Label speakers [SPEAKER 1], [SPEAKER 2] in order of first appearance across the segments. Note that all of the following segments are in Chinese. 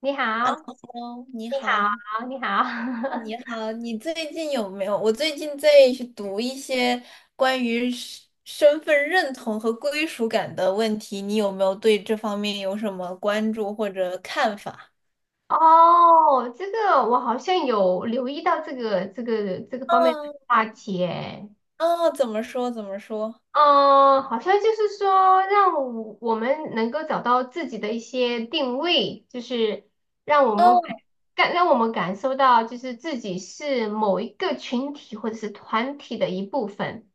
[SPEAKER 1] 你好，
[SPEAKER 2] Hello，你
[SPEAKER 1] 你
[SPEAKER 2] 好，
[SPEAKER 1] 好，你
[SPEAKER 2] 啊
[SPEAKER 1] 好。
[SPEAKER 2] 你好，你最近有没有？我最近在读一些关于身份认同和归属感的问题，你有没有对这方面有什么关注或者看法？
[SPEAKER 1] 哦，这个我好像有留意到这个方面的
[SPEAKER 2] 嗯，
[SPEAKER 1] 话题诶。
[SPEAKER 2] 哦，怎么说？怎么说？
[SPEAKER 1] 嗯，好像就是说让我们能够找到自己的一些定位，就是让我们感
[SPEAKER 2] 哦，
[SPEAKER 1] 让我们感受到就是自己是某一个群体或者是团体的一部分。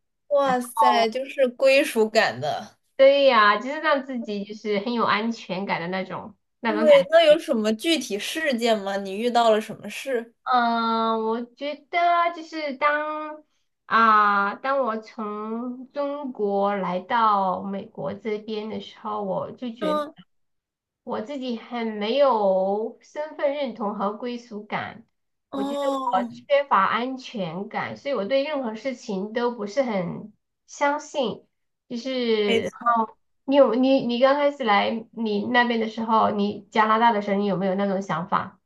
[SPEAKER 1] 啊，
[SPEAKER 2] 哇塞，就是归属感的。
[SPEAKER 1] 对呀，就是让自己就是很有安全感的那种
[SPEAKER 2] 对，
[SPEAKER 1] 感。
[SPEAKER 2] 那有什么具体事件吗？你遇到了什么事？
[SPEAKER 1] 嗯，我觉得就是当我从中国来到美国这边的时候，我就觉得
[SPEAKER 2] 嗯，
[SPEAKER 1] 我自己很没有身份认同和归属感，我觉得我
[SPEAKER 2] 哦，
[SPEAKER 1] 缺乏安全感，所以我对任何事情都不是很相信。就
[SPEAKER 2] 没
[SPEAKER 1] 是
[SPEAKER 2] 错。
[SPEAKER 1] 你有你你刚开始来你那边的时候，你加拿大的时候，你有没有那种想法？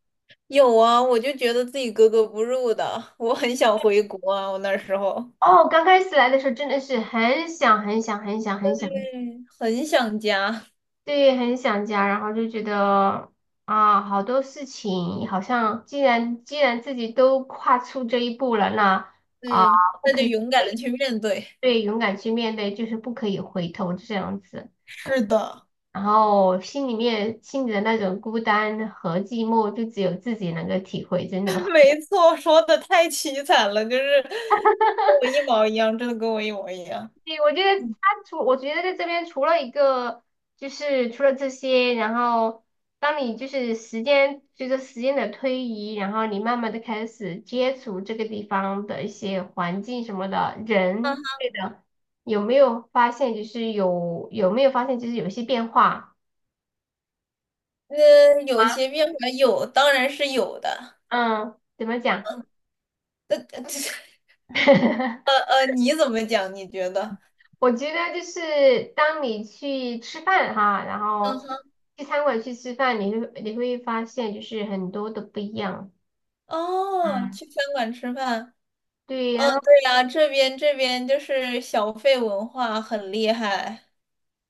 [SPEAKER 2] 有啊，我就觉得自己格格不入的，我很想回国啊，我那时候，
[SPEAKER 1] 哦，刚开始来的时候真的是很想很想很想很想，
[SPEAKER 2] 对，很想家，
[SPEAKER 1] 对，很想家，然后就觉得好多事情好像既然自己都跨出这一步了，那啊，
[SPEAKER 2] 对，
[SPEAKER 1] 不
[SPEAKER 2] 那
[SPEAKER 1] 可
[SPEAKER 2] 就
[SPEAKER 1] 以
[SPEAKER 2] 勇敢的
[SPEAKER 1] 回，
[SPEAKER 2] 去面对。
[SPEAKER 1] 对，勇敢去面对，就是不可以回头这样子。
[SPEAKER 2] 是的，
[SPEAKER 1] 然后心里的那种孤单和寂寞，就只有自己能够体会，真的。
[SPEAKER 2] 没错，说的太凄惨了，就是跟我一毛一样，真的跟我一模一样。
[SPEAKER 1] 对，
[SPEAKER 2] 嗯，
[SPEAKER 1] 我觉得在这边除了一个，就是除了这些，然后当你就是时间随着时间的推移，然后你慢慢的开始接触这个地方的一些环境什么的人，对的，有没有发现就是有一些变化
[SPEAKER 2] 那有
[SPEAKER 1] 啊？
[SPEAKER 2] 些变化有，当然是有的。
[SPEAKER 1] 嗯，怎么讲？
[SPEAKER 2] 呃 呃你怎么讲？你觉得？
[SPEAKER 1] 我觉得就是当你去吃饭哈，然
[SPEAKER 2] 嗯
[SPEAKER 1] 后
[SPEAKER 2] 哼，
[SPEAKER 1] 去餐馆去吃饭，你会发现就是很多的不一样。
[SPEAKER 2] 哦，
[SPEAKER 1] 嗯，
[SPEAKER 2] 去餐馆吃饭，
[SPEAKER 1] 对，然后
[SPEAKER 2] 对呀，这边就是小费文化很厉害。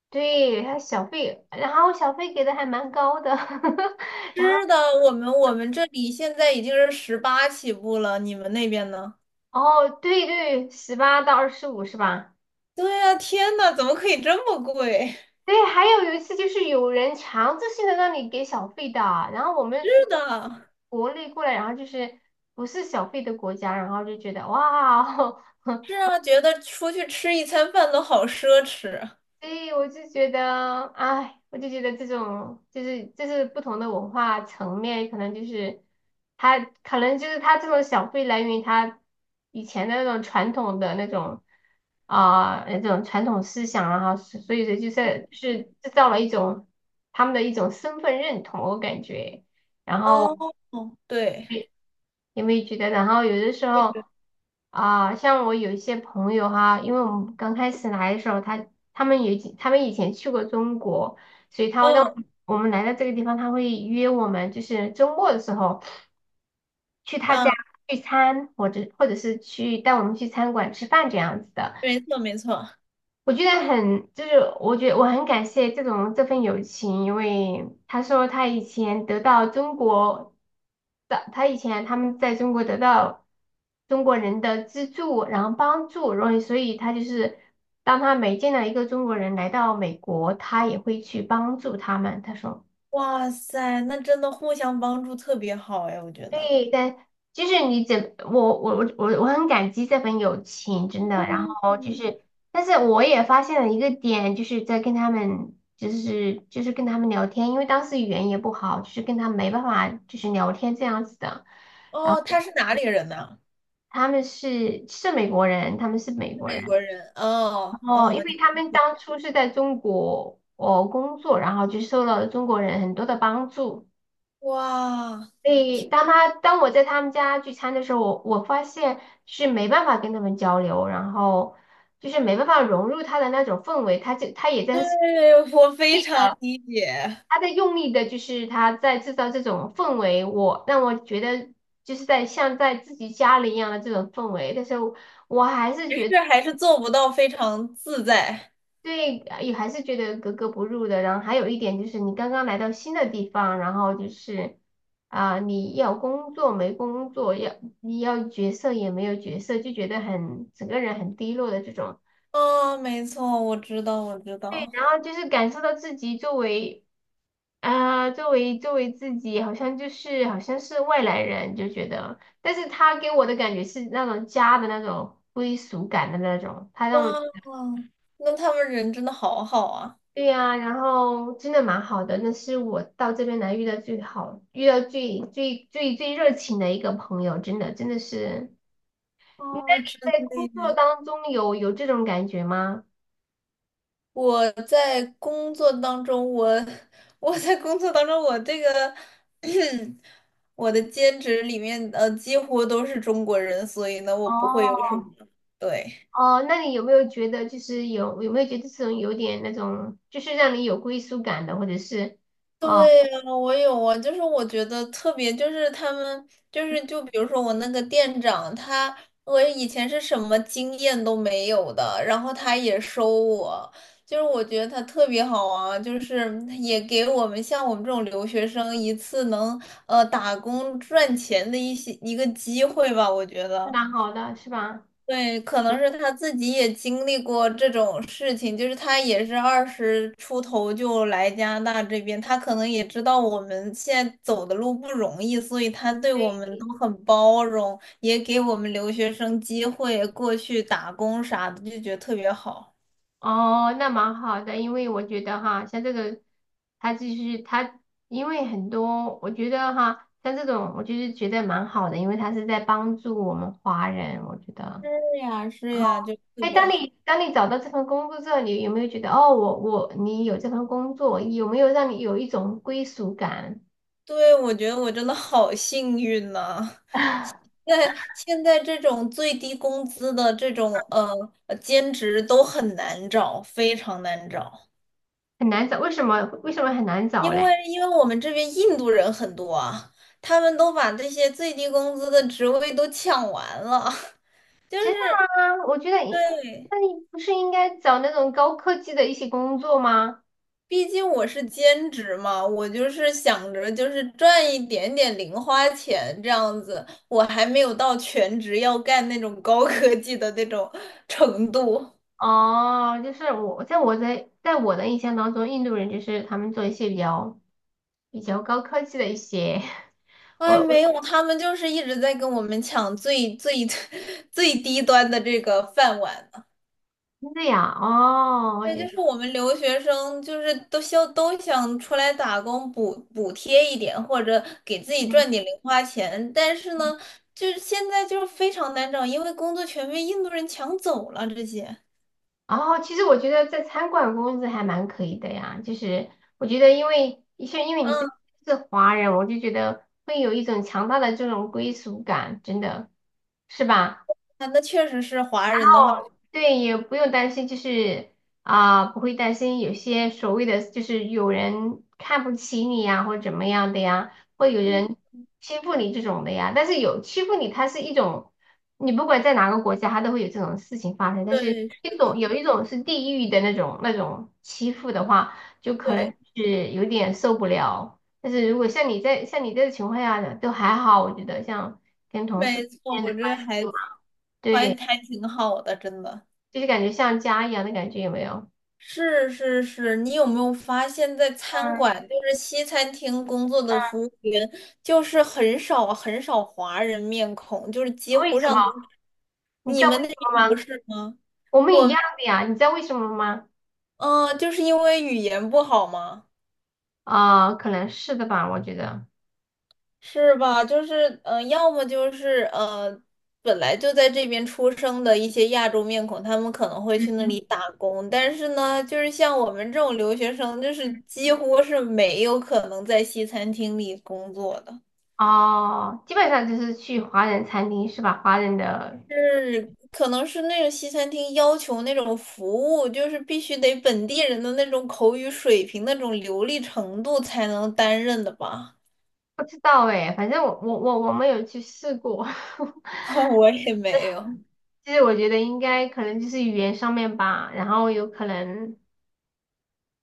[SPEAKER 1] 对，还有小费，然后小费给的还蛮高的，然后
[SPEAKER 2] 是的，我们这里现在已经是18起步了，你们那边呢？
[SPEAKER 1] 哦，对对，18到25是吧？
[SPEAKER 2] 对呀，天呐，怎么可以这么贵？
[SPEAKER 1] 对，还有一次就是有人强制性的让你给小费的，然后我 们
[SPEAKER 2] 是的，
[SPEAKER 1] 国内过来，然后就是不是小费的国家，然后就觉得哇，
[SPEAKER 2] 是啊，觉得出去吃一餐饭都好奢侈。
[SPEAKER 1] 所以我就觉得，哎，我就觉得这种就是不同的文化层面，可能就是他这种小费来源于他以前的那种传统的那种传统思想啊，所以说就是制造了一种他们的一种身份认同，我感觉。然后
[SPEAKER 2] 哦，对，
[SPEAKER 1] 因为觉得？然后有的时候。啊，像我有一些朋友哈，因为我们刚开始来的时候，他们有他们以前去过中国，所以他会当
[SPEAKER 2] 嗯
[SPEAKER 1] 我们来到这个地方，他会约我们，就是周末的时候去他
[SPEAKER 2] 嗯，
[SPEAKER 1] 家聚餐，或者是去带我们去餐馆吃饭这样子的。
[SPEAKER 2] 没错没错。
[SPEAKER 1] 我觉得很，就是我觉得我很感谢这份友情，因为他说他以前他们在中国得到中国人的资助，然后帮助，然后所以他就是当他每见到一个中国人来到美国，他也会去帮助他们。他说。
[SPEAKER 2] 哇塞，那真的互相帮助特别好哎，我觉得。
[SPEAKER 1] 对，但就是你怎我我我我我很感激这份友情，真的。
[SPEAKER 2] 嗯，嗯
[SPEAKER 1] 但是我也发现了一个点，就是在跟他们，就是跟他们聊天，因为当时语言也不好，就是跟他们没办法就是聊天这样子的。然后
[SPEAKER 2] 哦，他是哪里人呢？
[SPEAKER 1] 他们是美国人，他们是美国
[SPEAKER 2] 美
[SPEAKER 1] 人。
[SPEAKER 2] 国人。哦
[SPEAKER 1] 然后
[SPEAKER 2] 哦，
[SPEAKER 1] 因为他们当初是在中国工作，然后就受到了中国人很多的帮助。
[SPEAKER 2] 哇，
[SPEAKER 1] 所以当我在他们家聚餐的时候，我发现是没办法跟他们交流，然后就是没办法融入他的那种氛围，他也在
[SPEAKER 2] 对，我非常理解。
[SPEAKER 1] 他在用力的，就是他在制造这种氛围，让我觉得就是在像在自己家里一样的这种氛围，但是我还是
[SPEAKER 2] 只
[SPEAKER 1] 觉得。
[SPEAKER 2] 是还是做不到非常自在。
[SPEAKER 1] 对，也还是觉得格格不入的。然后还有一点就是，你刚刚来到新的地方，然后就是你要工作没工作，你要角色也没有角色，就觉得整个人很低落的这种。
[SPEAKER 2] 啊，没错，我知道，我知
[SPEAKER 1] 对，
[SPEAKER 2] 道。
[SPEAKER 1] 然后就是感受到自己作为啊、作为作为自己，好像就是好像是外来人，就觉得。但是他给我的感觉是那种家的那种归属感的那种，
[SPEAKER 2] 哇，那他们人真的好好啊！
[SPEAKER 1] 对呀，然后真的蛮好的，那是我到这边来遇到最最最最热情的一个朋友，真的真的是。那
[SPEAKER 2] 哦，
[SPEAKER 1] 你在
[SPEAKER 2] 真的
[SPEAKER 1] 工作
[SPEAKER 2] 耶。
[SPEAKER 1] 当中有这种感觉吗？
[SPEAKER 2] 我在工作当中，我 我在工作当中，我这个 我的兼职里面，几乎都是中国人，所以呢，我不会有
[SPEAKER 1] 哦，
[SPEAKER 2] 什么，对。
[SPEAKER 1] 哦，那你有没有觉得就是有没有觉得这种有点那种，就是让你有归属感的，或者是哦，
[SPEAKER 2] 对呀，我有啊，就是我觉得特别，就是他们，就是就比如说我那个店长，他我以前是什么经验都没有的，然后他也收我，就是我觉得他特别好啊，就是也给我们像我们这种留学生一次能打工赚钱的一些一个机会吧，我觉得。
[SPEAKER 1] 蛮好的是吧？
[SPEAKER 2] 对，可能是他自己也经历过这种事情，就是他也是二十出头就来加拿大这边，他可能也知道我们现在走的路不容易，所以他对我们都很包容，也给我们留学生机会过去打工啥的，就觉得特别好。
[SPEAKER 1] 哦，那蛮好的，因为我觉得哈，像这个，他就是他，因为很多，我觉得哈，像这种，我就是觉得蛮好的，因为他是在帮助我们华人，我觉得。
[SPEAKER 2] 是呀，是
[SPEAKER 1] 然后，
[SPEAKER 2] 呀，就特
[SPEAKER 1] 哎，
[SPEAKER 2] 别
[SPEAKER 1] 当
[SPEAKER 2] 好。
[SPEAKER 1] 你当你找到这份工作之后，你有没有觉得，哦，你有这份工作，有没有让你有一种归属感？
[SPEAKER 2] 对，我觉得我真的好幸运呐、在现在这种最低工资的这种兼职都很难找，非常难找。
[SPEAKER 1] 很难找，为什么很难找
[SPEAKER 2] 因
[SPEAKER 1] 嘞？
[SPEAKER 2] 为因为我们这边印度人很多啊，他们都把这些最低工资的职位都抢完了，就
[SPEAKER 1] 真的
[SPEAKER 2] 是
[SPEAKER 1] 吗？我觉得，
[SPEAKER 2] 对，
[SPEAKER 1] 那你不是应该找那种高科技的一些工作吗？
[SPEAKER 2] 毕竟我是兼职嘛，我就是想着就是赚一点点零花钱这样子，我还没有到全职要干那种高科技的那种程度。
[SPEAKER 1] 哦，就是我在我在在我的印象当中，印度人就是他们做一些比较高科技的一些，我
[SPEAKER 2] 哎，
[SPEAKER 1] 我
[SPEAKER 2] 没
[SPEAKER 1] 是
[SPEAKER 2] 有，他们就是一直在跟我们抢最最 最低端的这个饭碗。
[SPEAKER 1] 这样哦，我
[SPEAKER 2] 对，
[SPEAKER 1] 觉
[SPEAKER 2] 就
[SPEAKER 1] 得
[SPEAKER 2] 是我们留学生，就是都想出来打工补贴一点，或者给自己赚点零花钱。但是呢，就是现在就是非常难找，因为工作全被印度人抢走了这些。
[SPEAKER 1] 哦，其实我觉得在餐馆工资还蛮可以的呀，就是我觉得因为你是
[SPEAKER 2] 嗯，
[SPEAKER 1] 是华人，我就觉得会有一种强大的这种归属感，真的是吧？
[SPEAKER 2] 啊那确实是华人的话，
[SPEAKER 1] 对，也不用担心，不会担心有些所谓的就是有人看不起你呀，或者怎么样的呀，会有
[SPEAKER 2] 嗯
[SPEAKER 1] 人欺负你这种的呀。但是有欺负你，它是一种，你不管在哪个国家，它都会有这种事情发生。但是
[SPEAKER 2] 对，
[SPEAKER 1] 一
[SPEAKER 2] 是
[SPEAKER 1] 种
[SPEAKER 2] 的，
[SPEAKER 1] 有一种是地域的那种欺负的话，就可能
[SPEAKER 2] 对，
[SPEAKER 1] 是有点受不了。但是如果像你这个情况下的，都还好，我觉得像跟同事
[SPEAKER 2] 没
[SPEAKER 1] 之
[SPEAKER 2] 错，
[SPEAKER 1] 间的
[SPEAKER 2] 我
[SPEAKER 1] 关
[SPEAKER 2] 这
[SPEAKER 1] 系就
[SPEAKER 2] 还
[SPEAKER 1] 蛮
[SPEAKER 2] 还
[SPEAKER 1] 对。
[SPEAKER 2] 还挺好的，真的。
[SPEAKER 1] 就是感觉像家一样的感觉，有没有？
[SPEAKER 2] 是是是，你有没有发现，在餐
[SPEAKER 1] 嗯，
[SPEAKER 2] 馆，就是西餐厅工作的
[SPEAKER 1] 嗯。
[SPEAKER 2] 服务员，就是很少很少华人面孔，就是几
[SPEAKER 1] 为
[SPEAKER 2] 乎
[SPEAKER 1] 什么？
[SPEAKER 2] 上都是
[SPEAKER 1] 你知
[SPEAKER 2] 你
[SPEAKER 1] 道为
[SPEAKER 2] 们那
[SPEAKER 1] 什
[SPEAKER 2] 边
[SPEAKER 1] 么
[SPEAKER 2] 不
[SPEAKER 1] 吗？
[SPEAKER 2] 是吗？
[SPEAKER 1] 我们
[SPEAKER 2] 我
[SPEAKER 1] 一
[SPEAKER 2] 们
[SPEAKER 1] 样的呀，你知道为什么吗？
[SPEAKER 2] 嗯、就是因为语言不好吗？
[SPEAKER 1] 可能是的吧，我觉得。
[SPEAKER 2] 是吧？就是，要么就是本来就在这边出生的一些亚洲面孔，他们可能会去那
[SPEAKER 1] 嗯
[SPEAKER 2] 里打工，但是呢，就是像我们这种留学生，就是几乎是没有可能在西餐厅里工作的。
[SPEAKER 1] 哦，基本上就是去华人餐厅是吧？华人的
[SPEAKER 2] 是，可能是那种西餐厅要求那种服务，就是必须得本地人的那种口语水平、那种流利程度才能担任的吧？
[SPEAKER 1] 不知道哎，反正我没有去试过。
[SPEAKER 2] 我也没有，
[SPEAKER 1] 其实我觉得应该可能就是语言上面吧，然后有可能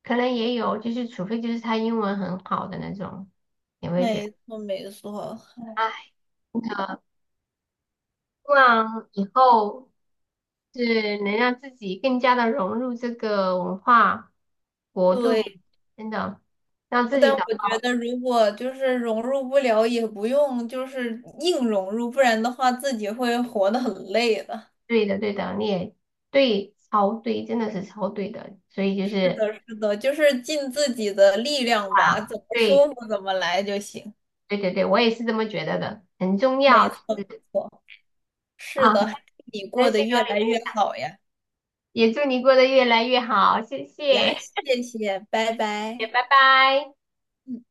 [SPEAKER 1] 可能也有，就是除非就是他英文很好的那种，也会觉得，
[SPEAKER 2] 没错没错，
[SPEAKER 1] 哎，那希望以后。是能让自己更加的融入这个文化国度里，
[SPEAKER 2] 对。
[SPEAKER 1] 真的让自己
[SPEAKER 2] 但
[SPEAKER 1] 找
[SPEAKER 2] 我觉得如果就是融入不了，也不用就是硬融入，不然的话自己会活得很累的。
[SPEAKER 1] 对的，对的，你也对，超对，真的是超对的，所以
[SPEAKER 2] 是的，是的，就是尽自己的力量吧，怎么舒
[SPEAKER 1] 对，
[SPEAKER 2] 服怎么来就行。
[SPEAKER 1] 对对对，我也是这么觉得的，很重要，
[SPEAKER 2] 没错，没错。是
[SPEAKER 1] 啊，
[SPEAKER 2] 的，你
[SPEAKER 1] 开
[SPEAKER 2] 过得
[SPEAKER 1] 心
[SPEAKER 2] 越
[SPEAKER 1] 和你
[SPEAKER 2] 来
[SPEAKER 1] 分
[SPEAKER 2] 越
[SPEAKER 1] 享，
[SPEAKER 2] 好呀！
[SPEAKER 1] 也祝你过得越来越好，谢谢，
[SPEAKER 2] 呀，谢谢，拜
[SPEAKER 1] 也
[SPEAKER 2] 拜。
[SPEAKER 1] 拜拜。
[SPEAKER 2] 嗯。